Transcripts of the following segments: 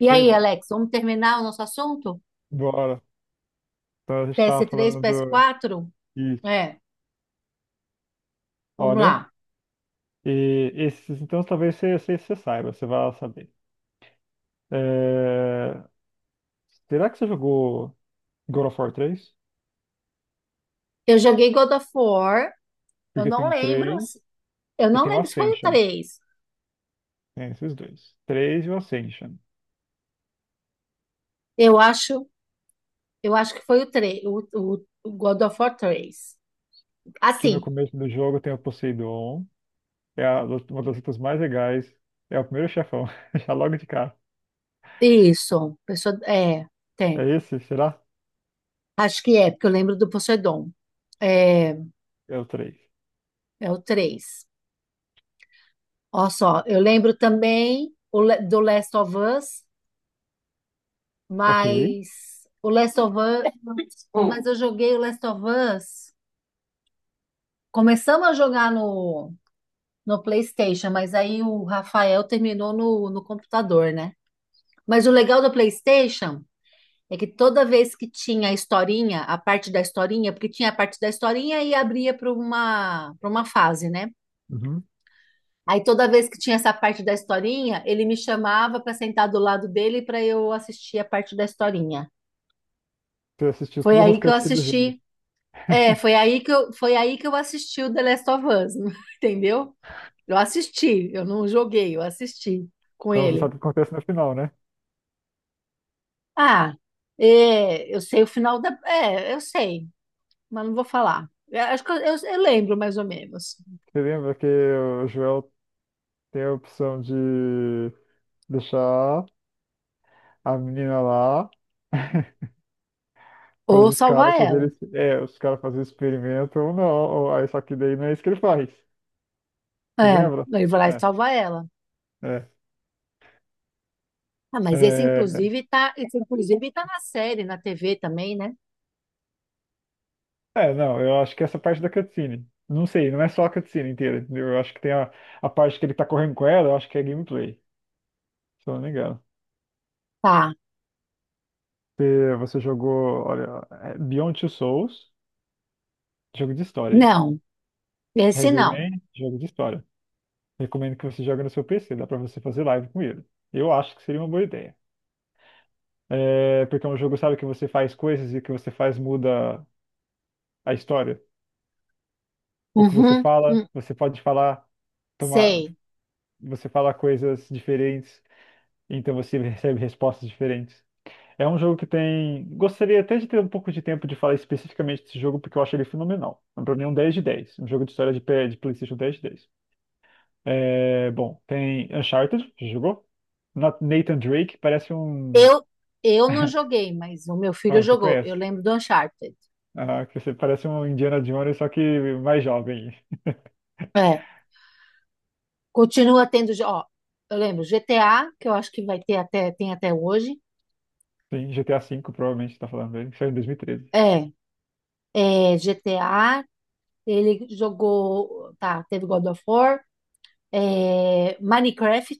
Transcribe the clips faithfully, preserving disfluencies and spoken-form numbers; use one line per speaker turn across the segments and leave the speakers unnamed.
E
Sei
aí,
lá.
Alex, vamos terminar o nosso assunto?
Bora. Então a gente estava
P S três,
falando
ps
do.
quatro?
Isso.
É, vamos
Olha.
lá.
E esses, então talvez você, você, você saiba, você vai saber. É, Será que você jogou God of War três?
Eu joguei God of War, eu
Porque
não
tem o
lembro,
três
se- eu
e
não
tem o
lembro se foi o
Ascension.
três.
Tem esses dois. Três e o Ascension.
Eu acho, eu acho que foi o três. o, o- o God of War três.
Que no
Assim,
começo do jogo tem o Poseidon. É a- uma das lutas mais legais. É o primeiro chefão. Já logo de cara.
isso, pessoa, é, tem.
É esse? Será?
Acho que é, porque eu lembro do Poseidon. É,
É o três.
é o três. Olha só, eu lembro também o le- do Last of Us,
Ok.
Mas o Last of Us, Hum. mas eu joguei o Last of Us. Começamos a jogar no, no PlayStation, mas aí o Rafael terminou no, no computador, né? Mas o legal do PlayStation é que toda vez que tinha a historinha, a parte da historinha, porque tinha a parte da historinha e abria para uma, para uma fase, né?
Uhum.
Aí toda vez que tinha essa parte da historinha, ele me chamava para sentar do lado dele para eu assistir a parte da historinha.
Você assistiu
Foi
todas as
aí que eu
cutscenes do jogo.
assisti É, foi aí que eu, foi aí que eu assisti o The Last of Us, entendeu? Eu assisti, eu não joguei, eu assisti com
Então você
ele.
sabe o que acontece no final, né?
Ah, é, eu sei o final da. É, eu sei, mas não vou falar. Eu acho que eu, eu- eu lembro mais ou menos.
Você lembra que o Joel tem a opção de deixar a menina lá para
Ou
os caras
salvar ela.
fazerem, é, os caras fazerem experimento ou não. Ou, aí, só que daí não é isso que ele faz. Você
É,
lembra?
ele vai lá e
É,
salva ela.
é,
Ah, mas esse
é,
inclusive tá, esse inclusive tá na série, na T V também, né?
é, não, eu acho que essa parte da cutscene. Não sei, não é só a cutscene inteira, entendeu? Eu acho que tem a, a parte que ele tá correndo com ela, eu acho que é gameplay, se eu não me engano.
Tá.
Você, você jogou, olha, é Beyond Two Souls, jogo de história, é isso.
Não, esse
Heavy
não.
Rain, jogo de história. Recomendo que você jogue no seu P C, dá pra você fazer live com ele. Eu acho que seria uma boa ideia. É, porque é um jogo, sabe, que você faz coisas e o que você faz muda a história. O que você
Uhum,
fala,
hum,
você pode falar, tomar,
sei.
você fala coisas diferentes, então você recebe respostas diferentes. É um jogo que tem. Gostaria até de ter um pouco de tempo de falar especificamente desse jogo, porque eu acho ele fenomenal. Pra mim é um dez de dez. Um jogo de história de, P- de PlayStation dez de dez. É, bom, tem Uncharted, já jogou? Na- Nathan Drake, parece um.
Eu, eu não joguei, mas o meu
Ah,
filho
você
jogou. Eu
conhece?
lembro do Uncharted.
Ah, que você parece um Indiana Jones, só que mais jovem.
É. Continua tendo, jo- ó, eu lembro G T A, que eu acho que vai ter até, tem até hoje.
Sim, G T A V, provavelmente, tá falando dele, que saiu em dois mil e treze.
É. É, G T A, ele jogou, tá, teve God of War, é, Minecraft,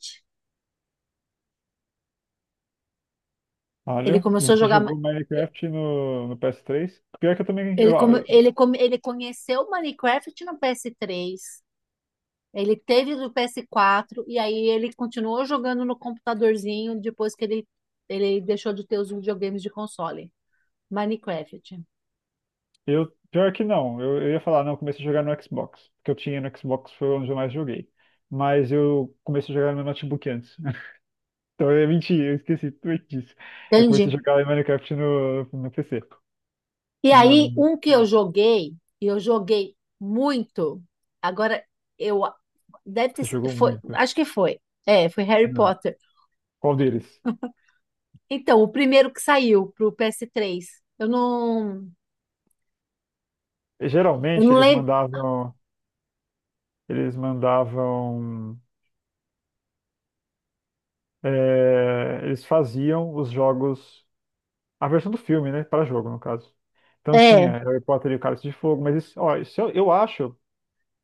ele
Olha,
começou a
você
jogar. Ma-
jogou Minecraft no, no P S três? Pior que eu também.
ele,
Eu,
come, ele, come, ele conheceu Minecraft no P S três. Ele teve do P S quatro e aí ele continuou jogando no computadorzinho depois que ele, ele deixou de ter os videogames de console. Minecraft.
eu- pior que não, eu, eu ia falar, não, eu comecei a jogar no Xbox, porque eu tinha no Xbox, foi onde eu mais joguei. Mas eu comecei a jogar no notebook antes. Então é mentira, eu esqueci tudo disso. Eu comecei a
Entende?
jogar Minecraft no, no P C.
E aí,
No, no-
um que eu joguei, e eu joguei muito, agora eu. Deve ter,
você
si-
jogou
foi,
muito.
acho que foi. É, foi Harry
Não. é.
Potter.
Qual deles?
Então, o primeiro que saiu pro P S três. Eu não. Eu
Geralmente
não
eles
lembro.
mandavam, eles mandavam, é, eles faziam os jogos, a versão do filme, né, para jogo no caso. Então
É.
tinha Harry Potter e o Cálice de Fogo, mas isso, ó, isso eu, eu acho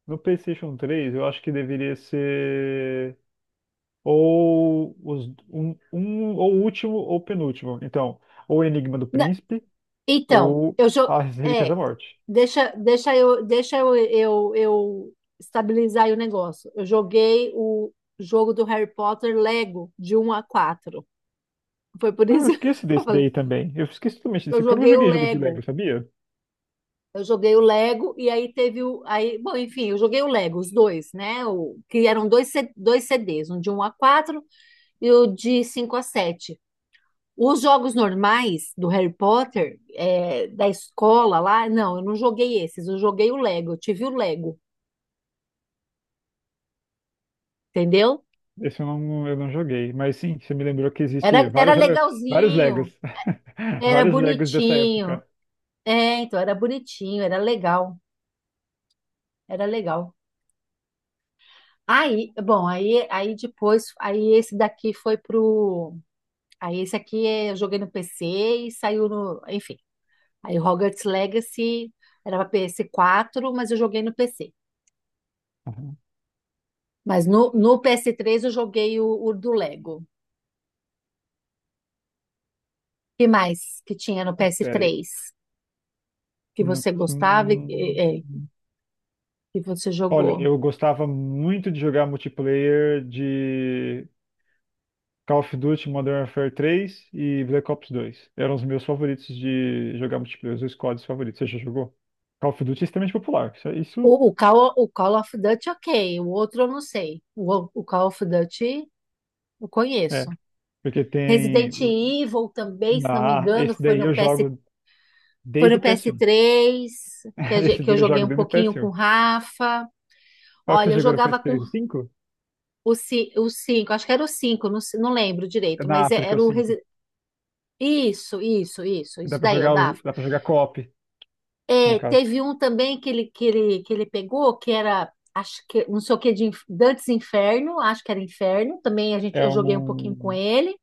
no PlayStation três, eu acho que deveria ser ou os, um, um ou o último ou penúltimo. Então, ou o Enigma do Príncipe
Então,
ou
eu jo...
As Relíquias da
é,
Morte.
deixa, deixa eu, deixa eu, eu, eu estabilizar aí o negócio. Eu joguei o jogo do Harry Potter Lego de um a quatro. Foi por
Ah, eu
isso
esqueço
que eu
desse
falei.
daí também. Eu esqueço totalmente desse,
Eu
porque eu não
joguei o
joguei jogo de
Lego.
Lego, sabia?
Eu joguei o Lego e aí teve o aí, bom, enfim, eu joguei o Lego, os dois, né? O que eram dois C- dois C Ds, um de um a quatro e o de cinco a sete. Os jogos normais do Harry Potter, é, da escola lá, não, eu não joguei esses, eu joguei o Lego, eu tive o Lego, entendeu?
Esse eu não, eu não joguei. Mas sim, você me lembrou que
Era,
existe
era
vários, vários Legos.
legalzinho, era
Vários Legos dessa
bonitinho.
época.
É, então era bonitinho, era legal, era legal. Aí, bom, aí, aí depois, aí esse daqui foi pro. Aí esse aqui é, eu joguei no P C e saiu no. Enfim. Aí Hogwarts Legacy era pra P S quatro, mas eu joguei no P C.
Uhum.
Mas no, no P S três eu joguei o, o do Lego. O que mais que tinha no
Pera aí.
P S três que
Hum,
você gostava e que,
hum.
é, que você
Olha,
jogou?
eu gostava muito de jogar multiplayer de Call of Duty Modern Warfare três e Black Ops dois. Eram os meus favoritos de jogar multiplayer, os meus squads favoritos. Você já jogou? Call of Duty é extremamente popular. Isso, isso
O, o, Call, o Call of Duty, ok. O outro eu não sei. O, o Call of Duty eu conheço.
é, porque tem.
Resident Evil também, se não me
Ah,
engano,
esse
foi
daí
no
eu
PS,
jogo
foi
desde
no
o P S um.
P S três que, a gen-
Esse
que eu
daí eu
joguei
jogo
um
desde o
pouquinho com
P S um.
o Rafa.
Qual que você
Olha, eu
jogou no
jogava com
P S três? O cinco?
o, ci- o cinco, acho que era o cinco. Não, se- não lembro direito,
Na
mas é-
África,
era
o
o,
cinco.
Resi-. Isso, isso, isso,
Dá
isso
pra
daí eu
jogar, os-
dava.
dá pra jogar co-op, no
É,
caso.
teve um também que ele, que ele, que ele pegou, que era, acho que, não sei o que, de Inf- Dantes Inferno, acho que era Inferno, também a gente,
É
eu joguei um pouquinho com
um,
ele.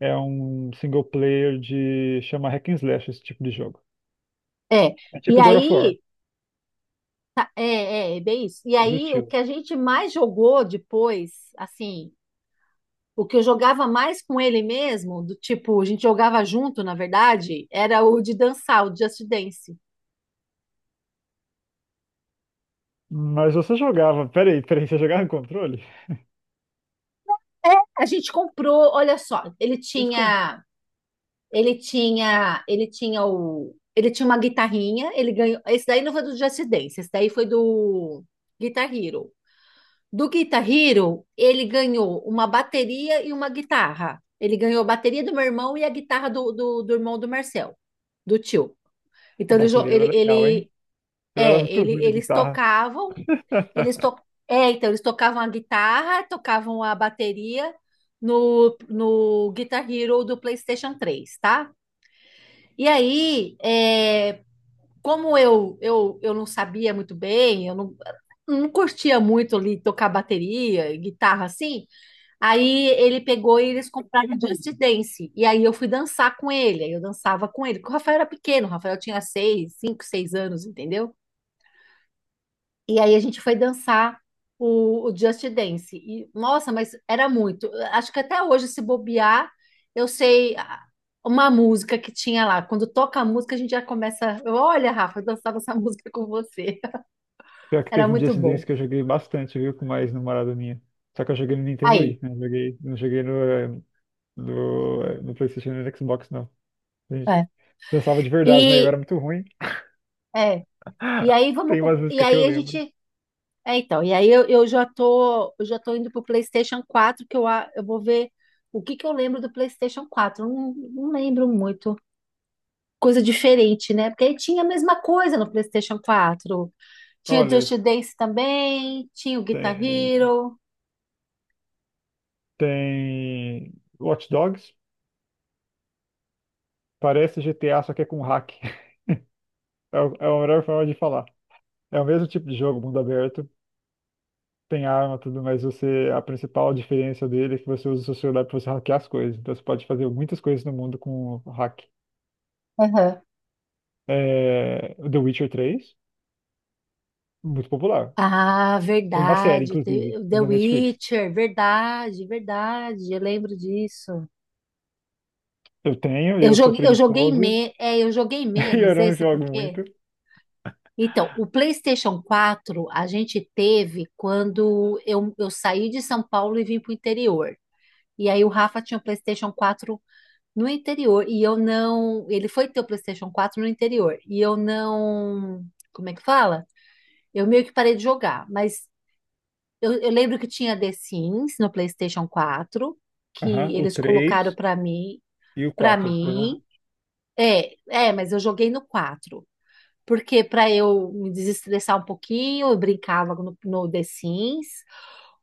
é um single player de. Chama Hack and Slash esse tipo de jogo.
É,
É
e
tipo God of War,
aí, é, é, é bem isso. E
esse
aí, o
estilo.
que a gente mais jogou depois, assim, o que eu jogava mais com ele mesmo, do tipo, a gente jogava junto, na verdade, era o de dançar, o Just Dance.
Mas você jogava. Peraí, peraí, você jogava em controle?
É, a gente comprou, olha só, ele
Isso com
tinha. Ele tinha, ele tinha o, ele tinha uma guitarrinha, ele ganhou. Esse daí não foi do Just Dance, esse daí foi do Guitar Hero. Do Guitar Hero, ele ganhou uma bateria e uma guitarra. Ele ganhou a bateria do meu irmão e a guitarra do, do, do irmão do Marcel, do tio.
a
Então ele, jo-
bateria era
ele,
legal, hein?
ele
Eu era
é,
muito
ele,
ruim na
eles
guitarra.
tocavam. eles to, é, então eles tocavam a guitarra, tocavam a bateria no, no Guitar Hero do PlayStation três, tá? E aí, é, como eu, eu, eu não sabia muito bem, eu não, não curtia muito ali tocar bateria, guitarra assim, aí ele pegou e eles compraram Just Dance. E aí eu fui dançar com ele, aí eu dançava com ele, porque o Rafael era pequeno, o Rafael tinha seis, cinco, seis anos, entendeu? E aí a gente foi dançar o, o Just Dance. E, nossa, mas era muito. Acho que até hoje, se bobear, eu sei ah, uma música que tinha lá. Quando toca a música, a gente já começa. eu, Olha, Rafa, eu dançava essa música com você.
Pior que
Era
teve um dia
muito
esse desse
bom.
que eu joguei bastante, viu, com mais ex-namorada minha. Só que eu joguei no Nintendo
Aí.
Wii, né? Joguei, não joguei no, eh, no, eh, no PlayStation e no Xbox, não. A gente
É.
dançava de verdade, né? Eu
E,
era muito ruim.
é, e aí vamos
Tem
pro-
umas
E
músicas que eu
aí a
lembro.
gente. É, então, e aí eu, eu já tô, eu já tô indo pro PlayStation quatro, que eu, a- eu vou ver o que que eu lembro do PlayStation quatro. Eu Não, não lembro muito. Coisa diferente, né? Porque aí tinha a mesma coisa no PlayStation quatro. Tinha
Olha,
Just Dance também, tinha o Guitar
tem,
Hero.
tem Watch Dogs. Parece G T A, só que é com hack. É, o- é a melhor forma de falar. É o mesmo tipo de jogo, mundo aberto, tem arma, tudo, mas você, a principal diferença dele é que você usa o seu celular para você hackear as coisas. Então você pode fazer muitas coisas no mundo com o hack.
Aham.
É, o The Witcher três, muito popular.
Ah,
Tem uma série,
verdade. te-
inclusive,
The
na Netflix.
Witcher, verdade, verdade. Eu lembro disso.
Eu tenho e
Eu
eu sou
joguei, eu joguei,
preguiçoso
me, é, eu joguei
e eu
menos
não
esse,
jogo
porque.
muito.
Então, o PlayStation quatro a gente teve quando eu, eu saí de São Paulo e vim para o interior. E aí o Rafa tinha o PlayStation quatro no interior e eu não. Ele foi ter o PlayStation quatro no interior e eu não. Como é que fala? Eu meio que parei de jogar, mas eu, eu lembro que tinha The Sims no PlayStation quatro
Aham,
que
o
eles colocaram
três
pra mim,
e o
para
quatro. Eu
mim. É, é, mas eu joguei no quatro. Porque para eu me desestressar um pouquinho, eu brincava no, no The Sims.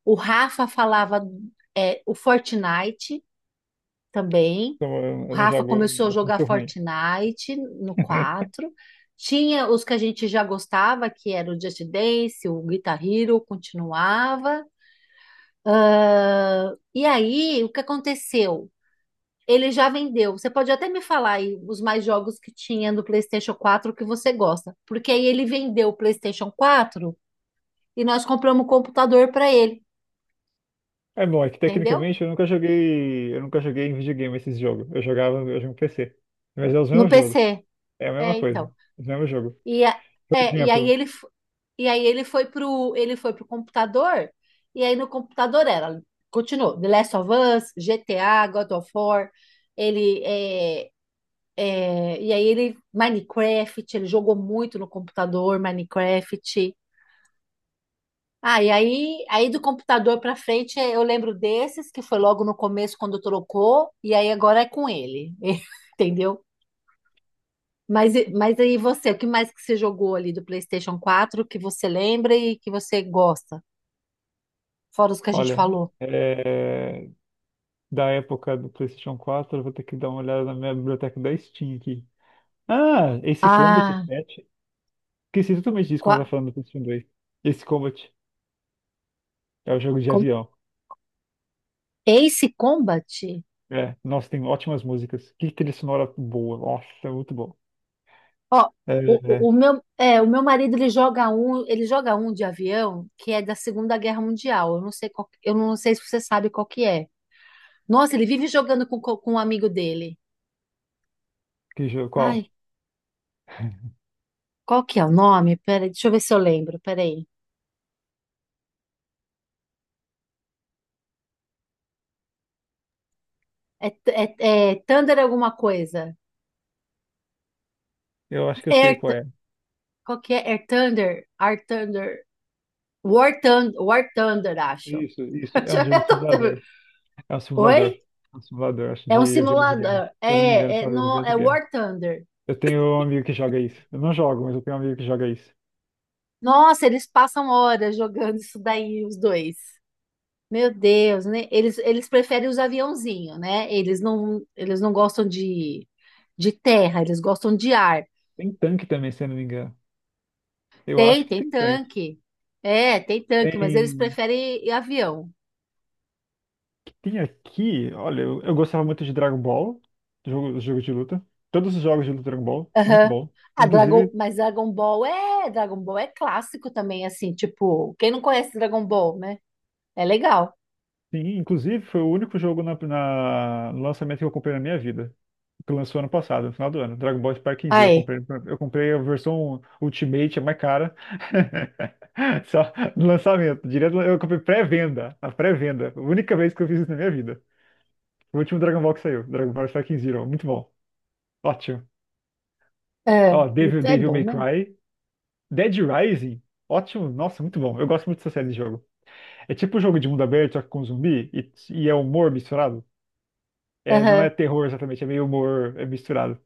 O Rafa falava é, o Fortnite também.
não, eu
O
eu não
Rafa
jogo,
começou a
eu sou
jogar
muito ruim.
Fortnite no quatro. Tinha os que a gente já gostava, que era o Just Dance, o Guitar Hero, continuava. E aí, o que aconteceu? Ele já vendeu. Você pode até me falar aí os mais jogos que tinha no PlayStation quatro que você gosta. Porque aí ele vendeu o PlayStation quatro e nós compramos um computador para ele,
É bom, é que
entendeu?
tecnicamente eu nunca joguei, eu nunca joguei em videogame esses jogos. Eu jogava, eu jogo em P C. Mas é os
No
mesmos jogos.
P C.
É a mesma
É,
coisa,
então.
é o mesmo jogo.
E, a-
Por
é, e aí
exemplo,
ele f- e aí ele foi pro ele foi pro computador, e aí no computador era continuou The Last of Us, G T A, God of War. Ele é, é, e aí ele Minecraft, Ele jogou muito no computador Minecraft. Ah, e aí, aí do computador para frente é, eu lembro desses que foi logo no começo quando trocou, e aí agora é com ele, entendeu? Mas, e- mas aí você, o que mais que você jogou ali do PlayStation quatro que você lembra e que você gosta? Fora os que a gente
olha,
falou.
é, da época do PlayStation quatro, eu vou ter que dar uma olhada na minha biblioteca da Steam aqui. Ah, esse Combat
Ah,
sete. Esqueci totalmente disso quando eu
qua-
tava falando do PlayStation dois. Esse Combat é o jogo de
com,
avião.
Ace Combat?
É, nossa, tem ótimas músicas. Que trilha sonora boa. Nossa, é muito bom.
Ó,
É,
o, o, o
é,
meu, é, o meu marido, ele joga um, ele joga um de avião que é da Segunda Guerra Mundial. Eu não sei qual, eu não sei se você sabe qual que é. Nossa, ele vive jogando com, co- com um amigo dele.
que jogo, qual?
Ai, qual que é o nome? Pera, deixa eu ver se eu lembro. Peraí. É, t- é, é Thunder alguma coisa.
Eu acho que eu sei qual é.
Qual que é? Air Thunder? Air Thunder. War Thunder, War Thunder, acho.
Isso, isso. É um jogo
Eu
de
tô tendo-.
simulador. É um
Oi?
simulador. É um simulador, acho,
É um
de avião de guerra.
simulador.
Se eu não me engano, é um
É, é,
simulador de
no,
avião de
é
guerra.
War Thunder.
Eu tenho um amigo que joga isso. Eu não jogo, mas eu tenho um amigo que joga isso.
Nossa, eles passam horas jogando isso daí, os dois. Meu Deus, né? Eles, eles preferem os aviãozinhos, né? Eles não, eles não gostam de, de terra, eles gostam de ar.
Tem tanque também, se eu não me engano. Eu acho
Tem,
que
tem
tem tanque.
tanque. É, tem tanque, mas eles
Tem.
preferem avião.
Tem aqui. Olha, eu, eu gostava muito de Dragon Ball, jogo, jogo de luta. Todos os jogos de luta Dragon Ball, muito
Aham.
bom.
A Dragon,
Inclusive,
mas Dragon Ball é, Dragon Ball é clássico também, assim, tipo, quem não conhece Dragon Ball, né? É legal.
sim, inclusive foi o único jogo na, na- no lançamento que eu comprei na minha vida, que lançou ano passado, no final do ano. Dragon Ball Sparking Zero. Eu
Aí,
comprei, eu comprei a versão Ultimate, é mais cara. Só no lançamento. Direto, eu comprei pré-venda. A pré-venda. A única vez que eu fiz isso na minha vida. O último Dragon Ball que saiu. Dragon Ball Sparking Zero. Muito bom. Ótimo.
é,
Ó, Devil,
muito- É
Devil
bom
May
mesmo.
Cry. Dead Rising. Ótimo. Nossa, muito bom. Eu gosto muito dessa série de jogo. É tipo um jogo de mundo aberto, só que com zumbi. E, e é humor misturado. É, não
Aham.
é terror exatamente, é meio humor é misturado.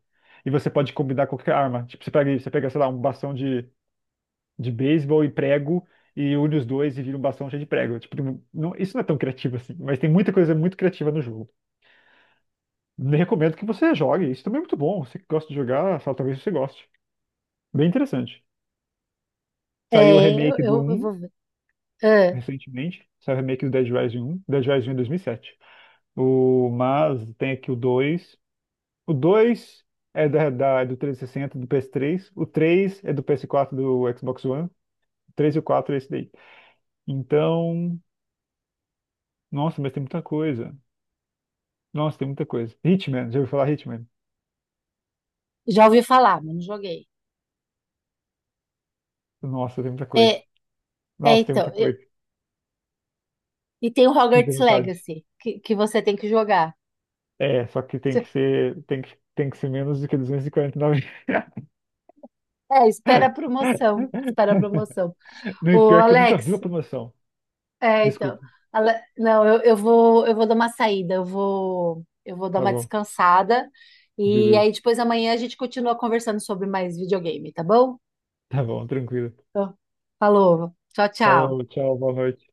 E você pode combinar qualquer arma. Tipo, você pega, você pega, sei lá, um bastão de, de beisebol e prego e une os dois e vira um bastão cheio de prego. Tipo, tem- não- isso não é tão criativo assim, mas tem muita coisa muito criativa no jogo. Nem recomendo que você jogue, isso também é muito bom. Você que gosta de jogar, só talvez você goste. Bem interessante. Saiu o
É, eu,
remake do
eu, eu
um
vou ver. É,
recentemente, saiu o remake do Dead Rising um, Dead Rising um é dois mil e sete. O, mas tem aqui o dois O dois é da, da- é do três sessenta do P S três. O três é do P S quatro do Xbox One. O três e o quatro é esse daí. Então, nossa, mas tem muita coisa. Nossa, tem muita coisa. Hitman, já ouviu falar Hitman?
já ouvi falar, mas não joguei.
Nossa, tem muita
É,
coisa.
é
Nossa, tem
então,
muita
e,
coisa. Tem
e tem o
muita
Hogwarts
vontade.
Legacy, que, que você tem que jogar.
É, só que tem que ser, tem que, tem que ser menos do que duzentos e quarenta e nove.
É, espera a promoção, espera a promoção.
Não, e
Ô,
pior que eu nunca
Alex,
vi a promoção.
É, então.
Desculpa.
Ale- Não, eu, eu vou, eu vou dar uma saída, eu vou, eu vou dar
Tá
uma
bom.
descansada.
Meu
E aí
Deus.
depois amanhã a gente continua conversando sobre mais videogame, tá bom?
Tá bom, tranquilo.
Então, falou. Tchau, tchau.
Falou, tchau, boa noite.